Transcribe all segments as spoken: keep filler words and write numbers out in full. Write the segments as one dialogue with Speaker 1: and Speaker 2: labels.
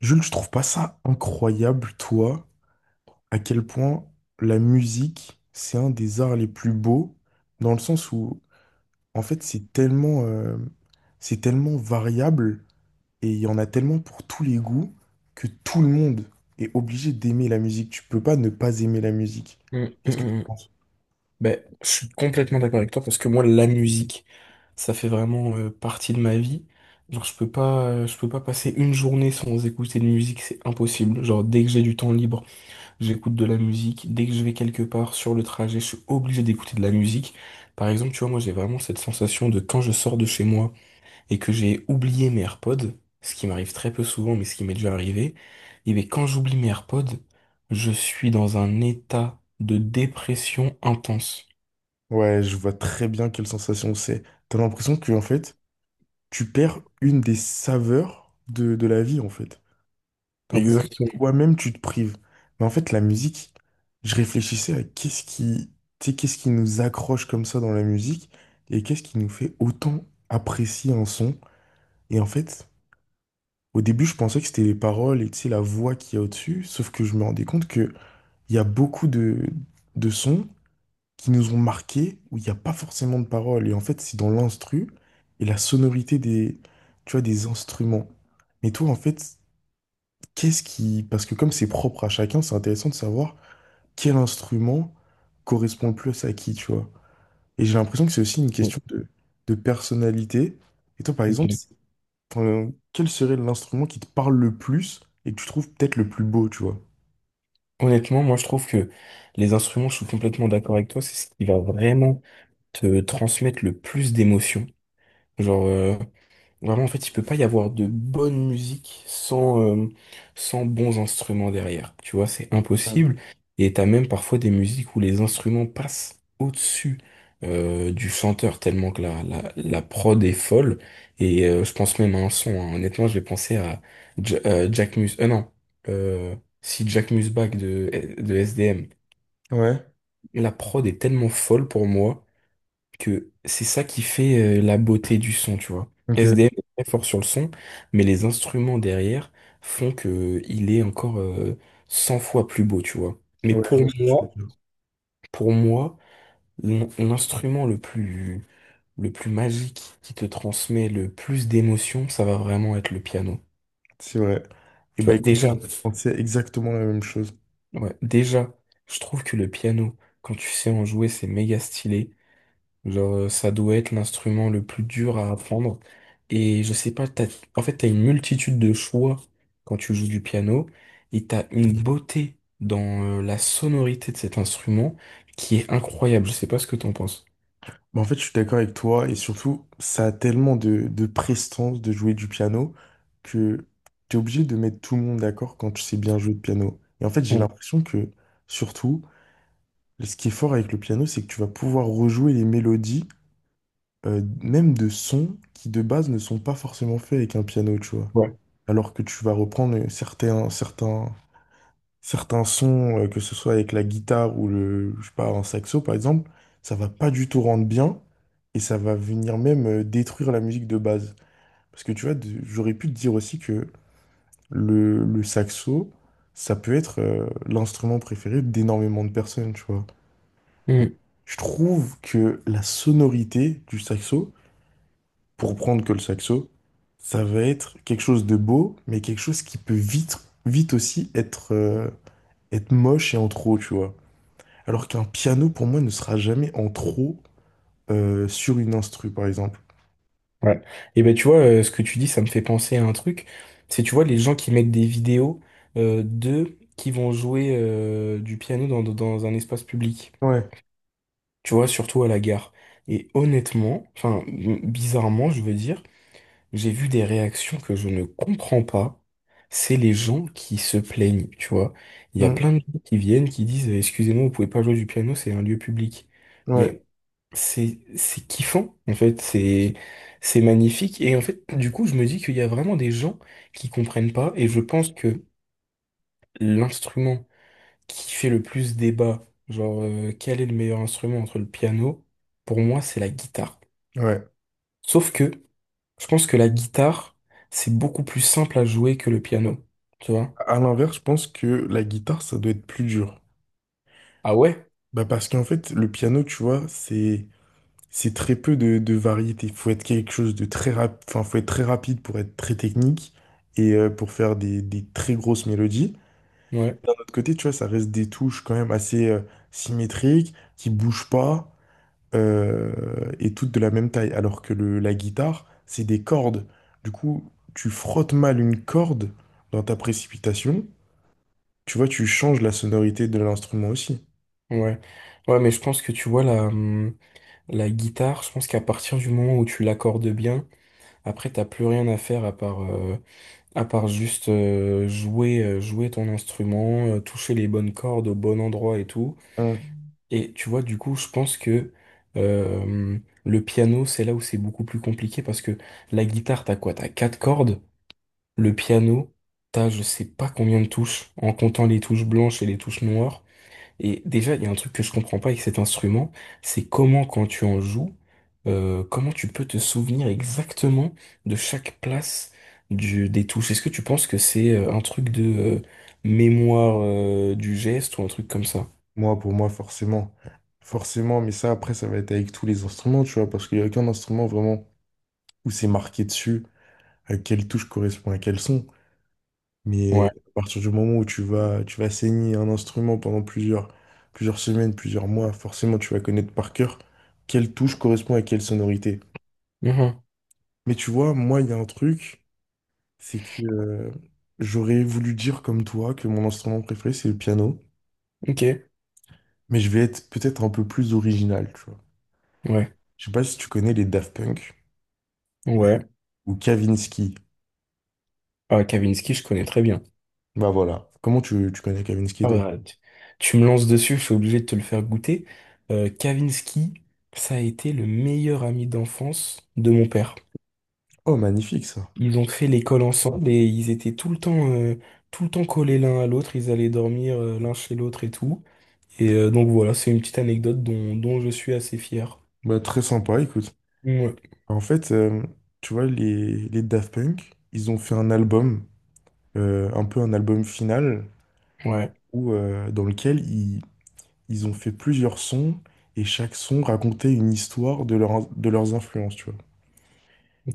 Speaker 1: Jules, je trouve pas ça incroyable, toi, à quel point la musique, c'est un des arts les plus beaux, dans le sens où, en fait, c'est tellement, euh, c'est tellement variable et il y en a tellement pour tous les goûts que tout le monde est obligé d'aimer la musique. Tu peux pas ne pas aimer la musique.
Speaker 2: Mm, mm,
Speaker 1: Qu'est-ce que tu
Speaker 2: mm.
Speaker 1: en penses?
Speaker 2: Ben, je suis complètement d'accord avec toi parce que moi la musique ça fait vraiment euh, partie de ma vie. Genre je peux pas euh, je peux pas passer une journée sans écouter de musique, c'est impossible. Genre dès que j'ai du temps libre, j'écoute de la musique, dès que je vais quelque part sur le trajet, je suis obligé d'écouter de la musique. Par exemple, tu vois, moi j'ai vraiment cette sensation de quand je sors de chez moi et que j'ai oublié mes AirPods, ce qui m'arrive très peu souvent, mais ce qui m'est déjà arrivé, et bien quand j'oublie mes AirPods, je suis dans un état de dépression intense.
Speaker 1: Ouais, je vois très bien quelle sensation c'est. T'as l'impression que, en fait, tu perds une des saveurs de, de la vie, en fait. T'as l'impression que
Speaker 2: Exactement.
Speaker 1: toi-même, tu te prives. Mais en fait, la musique, je réfléchissais à qu'est-ce qui, tu sais, qu'est-ce qui nous accroche comme ça dans la musique et qu'est-ce qui nous fait autant apprécier un son. Et en fait, au début, je pensais que c'était les paroles et tu sais, la voix qu'il y a au-dessus, sauf que je me rendais compte qu'il y a beaucoup de, de sons qui nous ont marqués où il n'y a pas forcément de paroles. Et en fait, c'est dans l'instru et la sonorité des, tu vois, des instruments. Mais toi, en fait, qu'est-ce qui… Parce que comme c'est propre à chacun, c'est intéressant de savoir quel instrument correspond le plus à qui, tu vois. Et j'ai l'impression que c'est aussi une question de, de personnalité. Et toi, par
Speaker 2: Ok.
Speaker 1: exemple, c'est- enfin, quel serait l'instrument qui te parle le plus et que tu trouves peut-être le plus beau, tu vois?
Speaker 2: Honnêtement, moi je trouve que les instruments, je suis complètement d'accord avec toi, c'est ce qui va vraiment te transmettre le plus d'émotions. Genre, euh, Vraiment, en fait, il peut pas y avoir de bonne musique sans, euh, sans bons instruments derrière. Tu vois, c'est
Speaker 1: Ouais,
Speaker 2: impossible. Et t'as même parfois des musiques où les instruments passent au-dessus euh, du chanteur, tellement que la, la, la prod est folle. Et euh, je pense même à un son, hein. Honnêtement, je vais penser à Ja- euh, Jack Mus... Euh, non. Euh, Si Jack Musbach de, de S D M.
Speaker 1: ouais,
Speaker 2: La prod est tellement folle pour moi que c'est ça qui fait euh, la beauté du son, tu vois. S
Speaker 1: ok.
Speaker 2: SDM est très fort sur le son, mais les instruments derrière font que il est encore euh, cent fois plus beau, tu vois. Mais
Speaker 1: Ouais, je
Speaker 2: pour
Speaker 1: vois ce que tu
Speaker 2: moi,
Speaker 1: veux dire.
Speaker 2: pour moi, l'in- l'instrument le plus le plus magique qui te transmet le plus d'émotions, ça va vraiment être le piano.
Speaker 1: C'est vrai. Et
Speaker 2: Tu
Speaker 1: bah
Speaker 2: vois,
Speaker 1: écoute,
Speaker 2: déjà,
Speaker 1: on sait exactement la même chose.
Speaker 2: ouais, déjà, je trouve que le piano, quand tu sais en jouer, c'est méga stylé. Genre, euh, ça doit être l'instrument le plus dur à apprendre. Et je sais pas, t'as, en fait, t'as une multitude de choix quand tu joues du piano et t'as une beauté dans euh, la sonorité de cet instrument qui est incroyable. Je sais pas ce que t'en penses.
Speaker 1: Bah, en fait, je suis d'accord avec toi et surtout, ça a tellement de, de prestance de jouer du piano que tu es obligé de mettre tout le monde d'accord quand tu sais bien jouer de piano. Et en fait, j'ai
Speaker 2: Mm,
Speaker 1: l'impression que surtout, ce qui est fort avec le piano, c'est que tu vas pouvoir rejouer les mélodies, euh, même de sons qui de base ne sont pas forcément faits avec un piano, tu vois.
Speaker 2: Ouais.
Speaker 1: Alors que tu vas reprendre certains, certains, certains sons, euh, que ce soit avec la guitare ou le, je sais pas, un saxo par exemple, ça va pas du tout rendre bien et ça va venir même euh, détruire la musique de base. Parce que tu vois, de- j'aurais pu te dire aussi que le, le saxo, ça peut être euh, l'instrument préféré d'énormément de personnes, tu vois.
Speaker 2: Mm,
Speaker 1: Je trouve que la sonorité du saxo, pour prendre que le saxo, ça va être quelque chose de beau, mais quelque chose qui peut vite, vite aussi être, euh, être moche et en trop, tu vois. Alors qu'un piano, pour moi, ne sera jamais en trop euh, sur une instru, par exemple.
Speaker 2: ouais. Et ben, tu vois, euh, ce que tu dis, ça me fait penser à un truc. C'est, tu vois, les gens qui mettent des vidéos euh, d'eux qui vont jouer euh, du piano dans, dans un espace public.
Speaker 1: Ouais.
Speaker 2: Tu vois, surtout à la gare. Et honnêtement, enfin, m- bizarrement, je veux dire, j'ai vu des réactions que je ne comprends pas. C'est les gens qui se plaignent, tu vois. Il y a plein
Speaker 1: Mm.
Speaker 2: de gens qui viennent, qui disent, «Eh, excusez-moi, vous pouvez pas jouer du piano, c'est un lieu public.
Speaker 1: Ouais.
Speaker 2: Mais c'est, c'est kiffant, en fait, c'est, c'est magnifique. Et en fait, du coup, je me dis qu'il y a vraiment des gens qui comprennent pas, et je pense que l'instrument qui fait le plus débat, genre euh, quel est le meilleur instrument entre le piano, pour moi c'est la guitare.
Speaker 1: Ouais.
Speaker 2: Sauf que je pense que la guitare, c'est beaucoup plus simple à jouer que le piano, tu vois?
Speaker 1: À l'inverse, je pense que la guitare, ça doit être plus dur.
Speaker 2: Ah ouais?
Speaker 1: Bah parce qu'en fait, le piano, tu vois, c'est c'est très peu de, de variété. Il faut être quelque chose de très rapide, enfin, faut être très rapide pour être très technique et euh, pour faire des, des très grosses mélodies.
Speaker 2: Ouais,
Speaker 1: De l'autre côté, tu vois, ça reste des touches quand même assez euh, symétriques, qui bougent pas, euh, et toutes de la même taille, alors que le, la guitare, c'est des cordes. Du coup, tu frottes mal une corde dans ta précipitation, tu vois, tu changes la sonorité de l'instrument aussi.
Speaker 2: ouais. Ouais, mais je pense que tu vois la, hum, la guitare, je pense qu'à partir du moment où tu l'accordes bien, après t'as plus rien à faire à part, euh, à part juste euh, jouer, euh, jouer ton instrument, euh, toucher les bonnes cordes au bon endroit et tout.
Speaker 1: Hmm.
Speaker 2: Et tu vois, du coup, je pense que euh, le piano, c'est là où c'est beaucoup plus compliqué parce que la guitare, t'as quoi? T'as quatre cordes. Le piano, t'as je sais pas combien de touches en comptant les touches blanches et les touches noires. Et déjà, il y a un truc que je comprends pas avec cet instrument, c'est comment quand tu en joues, euh, comment tu peux te souvenir exactement de chaque place du, des touches. Est-ce que tu penses que c'est euh, un truc de euh, mémoire euh, du geste ou un truc comme ça?
Speaker 1: Moi, pour moi, forcément. Forcément, mais ça, après, ça va être avec tous les instruments, tu vois, parce qu'il n'y a aucun instrument vraiment où c'est marqué dessus, à quelle touche correspond à quel son. Mais
Speaker 2: Ouais.
Speaker 1: à partir du moment où tu vas, tu vas saigner un instrument pendant plusieurs, plusieurs semaines, plusieurs mois, forcément, tu vas connaître par cœur quelle touche correspond à quelle sonorité.
Speaker 2: Mhm.
Speaker 1: Mais tu vois, moi, il y a un truc, c'est que euh, j'aurais voulu dire comme toi que mon instrument préféré, c'est le piano,
Speaker 2: Ok.
Speaker 1: mais je vais être peut-être un peu plus original, tu vois.
Speaker 2: Ouais.
Speaker 1: Je sais pas si tu connais les Daft Punk.
Speaker 2: Ouais.
Speaker 1: Ou Kavinsky.
Speaker 2: Ah, Kavinsky, je connais très bien.
Speaker 1: Bah voilà. Comment tu, tu connais Kavinsky,
Speaker 2: Ah
Speaker 1: toi?
Speaker 2: bah, tu, tu me lances dessus, je suis obligé de te le faire goûter. Euh, Kavinsky, ça a été le meilleur ami d'enfance de mon père.
Speaker 1: Oh, magnifique ça.
Speaker 2: Ils ont fait l'école ensemble et ils étaient tout le temps, euh, tout le temps collés l'un à l'autre. Ils allaient dormir, euh, l'un chez l'autre et tout. Et euh, donc voilà, c'est une petite anecdote dont, dont je suis assez fier.
Speaker 1: Bah, très sympa, écoute.
Speaker 2: Ouais.
Speaker 1: En fait, euh, tu vois, les, les Daft Punk, ils ont fait un album, euh, un peu un album final,
Speaker 2: Ouais.
Speaker 1: où, euh, dans lequel ils, ils ont fait plusieurs sons, et chaque son racontait une histoire de, leur, de leurs influences, tu vois.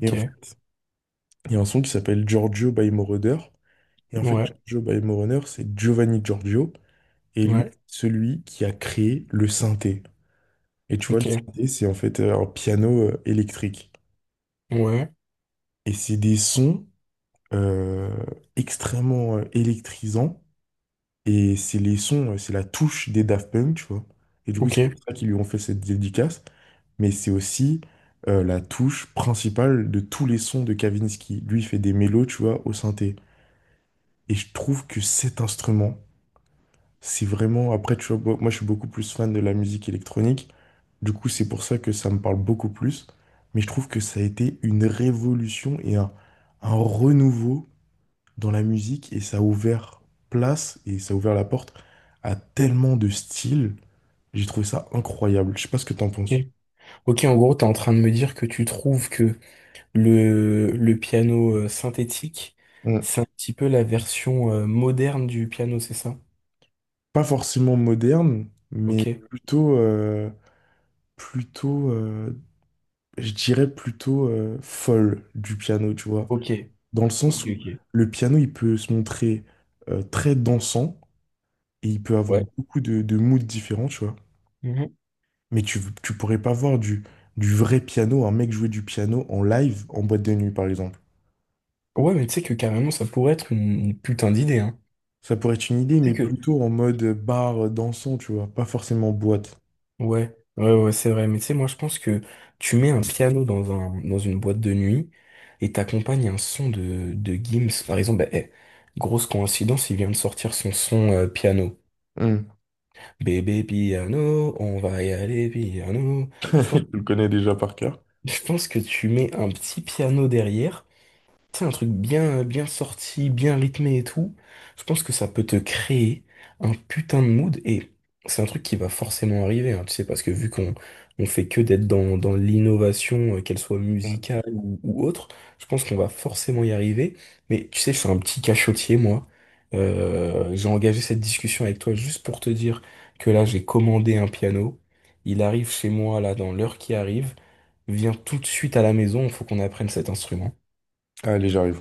Speaker 1: Et en fait, il y a un son qui s'appelle Giorgio by Moroder. Et en fait,
Speaker 2: Ouais.
Speaker 1: Giorgio by Moroder, c'est Giovanni Giorgio, et lui,
Speaker 2: Ouais.
Speaker 1: celui qui a créé le synthé. Et tu vois, le
Speaker 2: Ok.
Speaker 1: synthé, c'est en fait euh, un piano euh, électrique.
Speaker 2: Ouais.
Speaker 1: Et c'est des sons euh, extrêmement euh, électrisants. Et c'est les sons, euh, c'est la touche des Daft Punk, tu vois. Et du coup,
Speaker 2: Ok.
Speaker 1: c'est pour ça qu'ils lui ont fait cette dédicace. Mais c'est aussi euh, la touche principale de tous les sons de Kavinsky. Lui, il fait des mélos, tu vois, au synthé. Et je trouve que cet instrument, c'est vraiment… Après, tu vois, bo- moi, je suis beaucoup plus fan de la musique électronique. Du coup, c'est pour ça que ça me parle beaucoup plus. Mais je trouve que ça a été une révolution et un, un renouveau dans la musique. Et ça a ouvert place et ça a ouvert la porte à tellement de styles. J'ai trouvé ça incroyable. Je sais pas ce que t'en
Speaker 2: Ok.
Speaker 1: penses.
Speaker 2: Ok, en gros, t'es en train de me dire que tu trouves que Le, le piano euh, synthétique,
Speaker 1: Mm.
Speaker 2: c'est un petit peu la version euh, moderne du piano, c'est ça?
Speaker 1: Pas forcément moderne, mais
Speaker 2: Ok,
Speaker 1: plutôt, euh, plutôt, euh, je dirais plutôt euh, folle du piano, tu vois.
Speaker 2: ok,
Speaker 1: Dans le
Speaker 2: ok,
Speaker 1: sens où
Speaker 2: ok.
Speaker 1: le piano, il peut se montrer euh, très dansant et il peut avoir
Speaker 2: Ouais.
Speaker 1: beaucoup de, de moods différents, tu vois.
Speaker 2: Mhm.
Speaker 1: Mais tu, tu pourrais pas voir du, du vrai piano, un mec jouer du piano en live en boîte de nuit, par exemple.
Speaker 2: Ouais, mais tu sais que carrément, ça pourrait être une, une putain d'idée, hein.
Speaker 1: Ça pourrait être une idée,
Speaker 2: Tu
Speaker 1: mais
Speaker 2: sais que...
Speaker 1: plutôt en mode bar dansant, tu vois, pas forcément boîte.
Speaker 2: Ouais, ouais, ouais, c'est vrai. Mais tu sais, moi, je pense que tu mets un piano dans un, dans une boîte de nuit et t'accompagnes un son de, de, Gims. Par exemple, bah, eh, grosse coïncidence, il vient de sortir son son euh, piano.
Speaker 1: Hmm.
Speaker 2: Bébé piano, on va y aller piano.
Speaker 1: Tu
Speaker 2: Je pense
Speaker 1: le connais déjà par cœur.
Speaker 2: Je pense que tu mets un petit piano derrière, tu sais, un truc bien, bien sorti, bien rythmé et tout. Je pense que ça peut te créer un putain de mood et c'est un truc qui va forcément arriver, hein, tu sais, parce que vu qu'on on fait que d'être dans, dans l'innovation, euh, qu'elle soit musicale ou, ou autre, je pense qu'on va forcément y arriver. Mais tu sais, je suis un petit cachotier, moi. Euh, j'ai engagé cette discussion avec toi juste pour te dire que là, j'ai commandé un piano. Il arrive chez moi, là, dans l'heure qui arrive. Viens tout de suite à la maison, il faut qu'on apprenne cet instrument.
Speaker 1: Allez, j'arrive.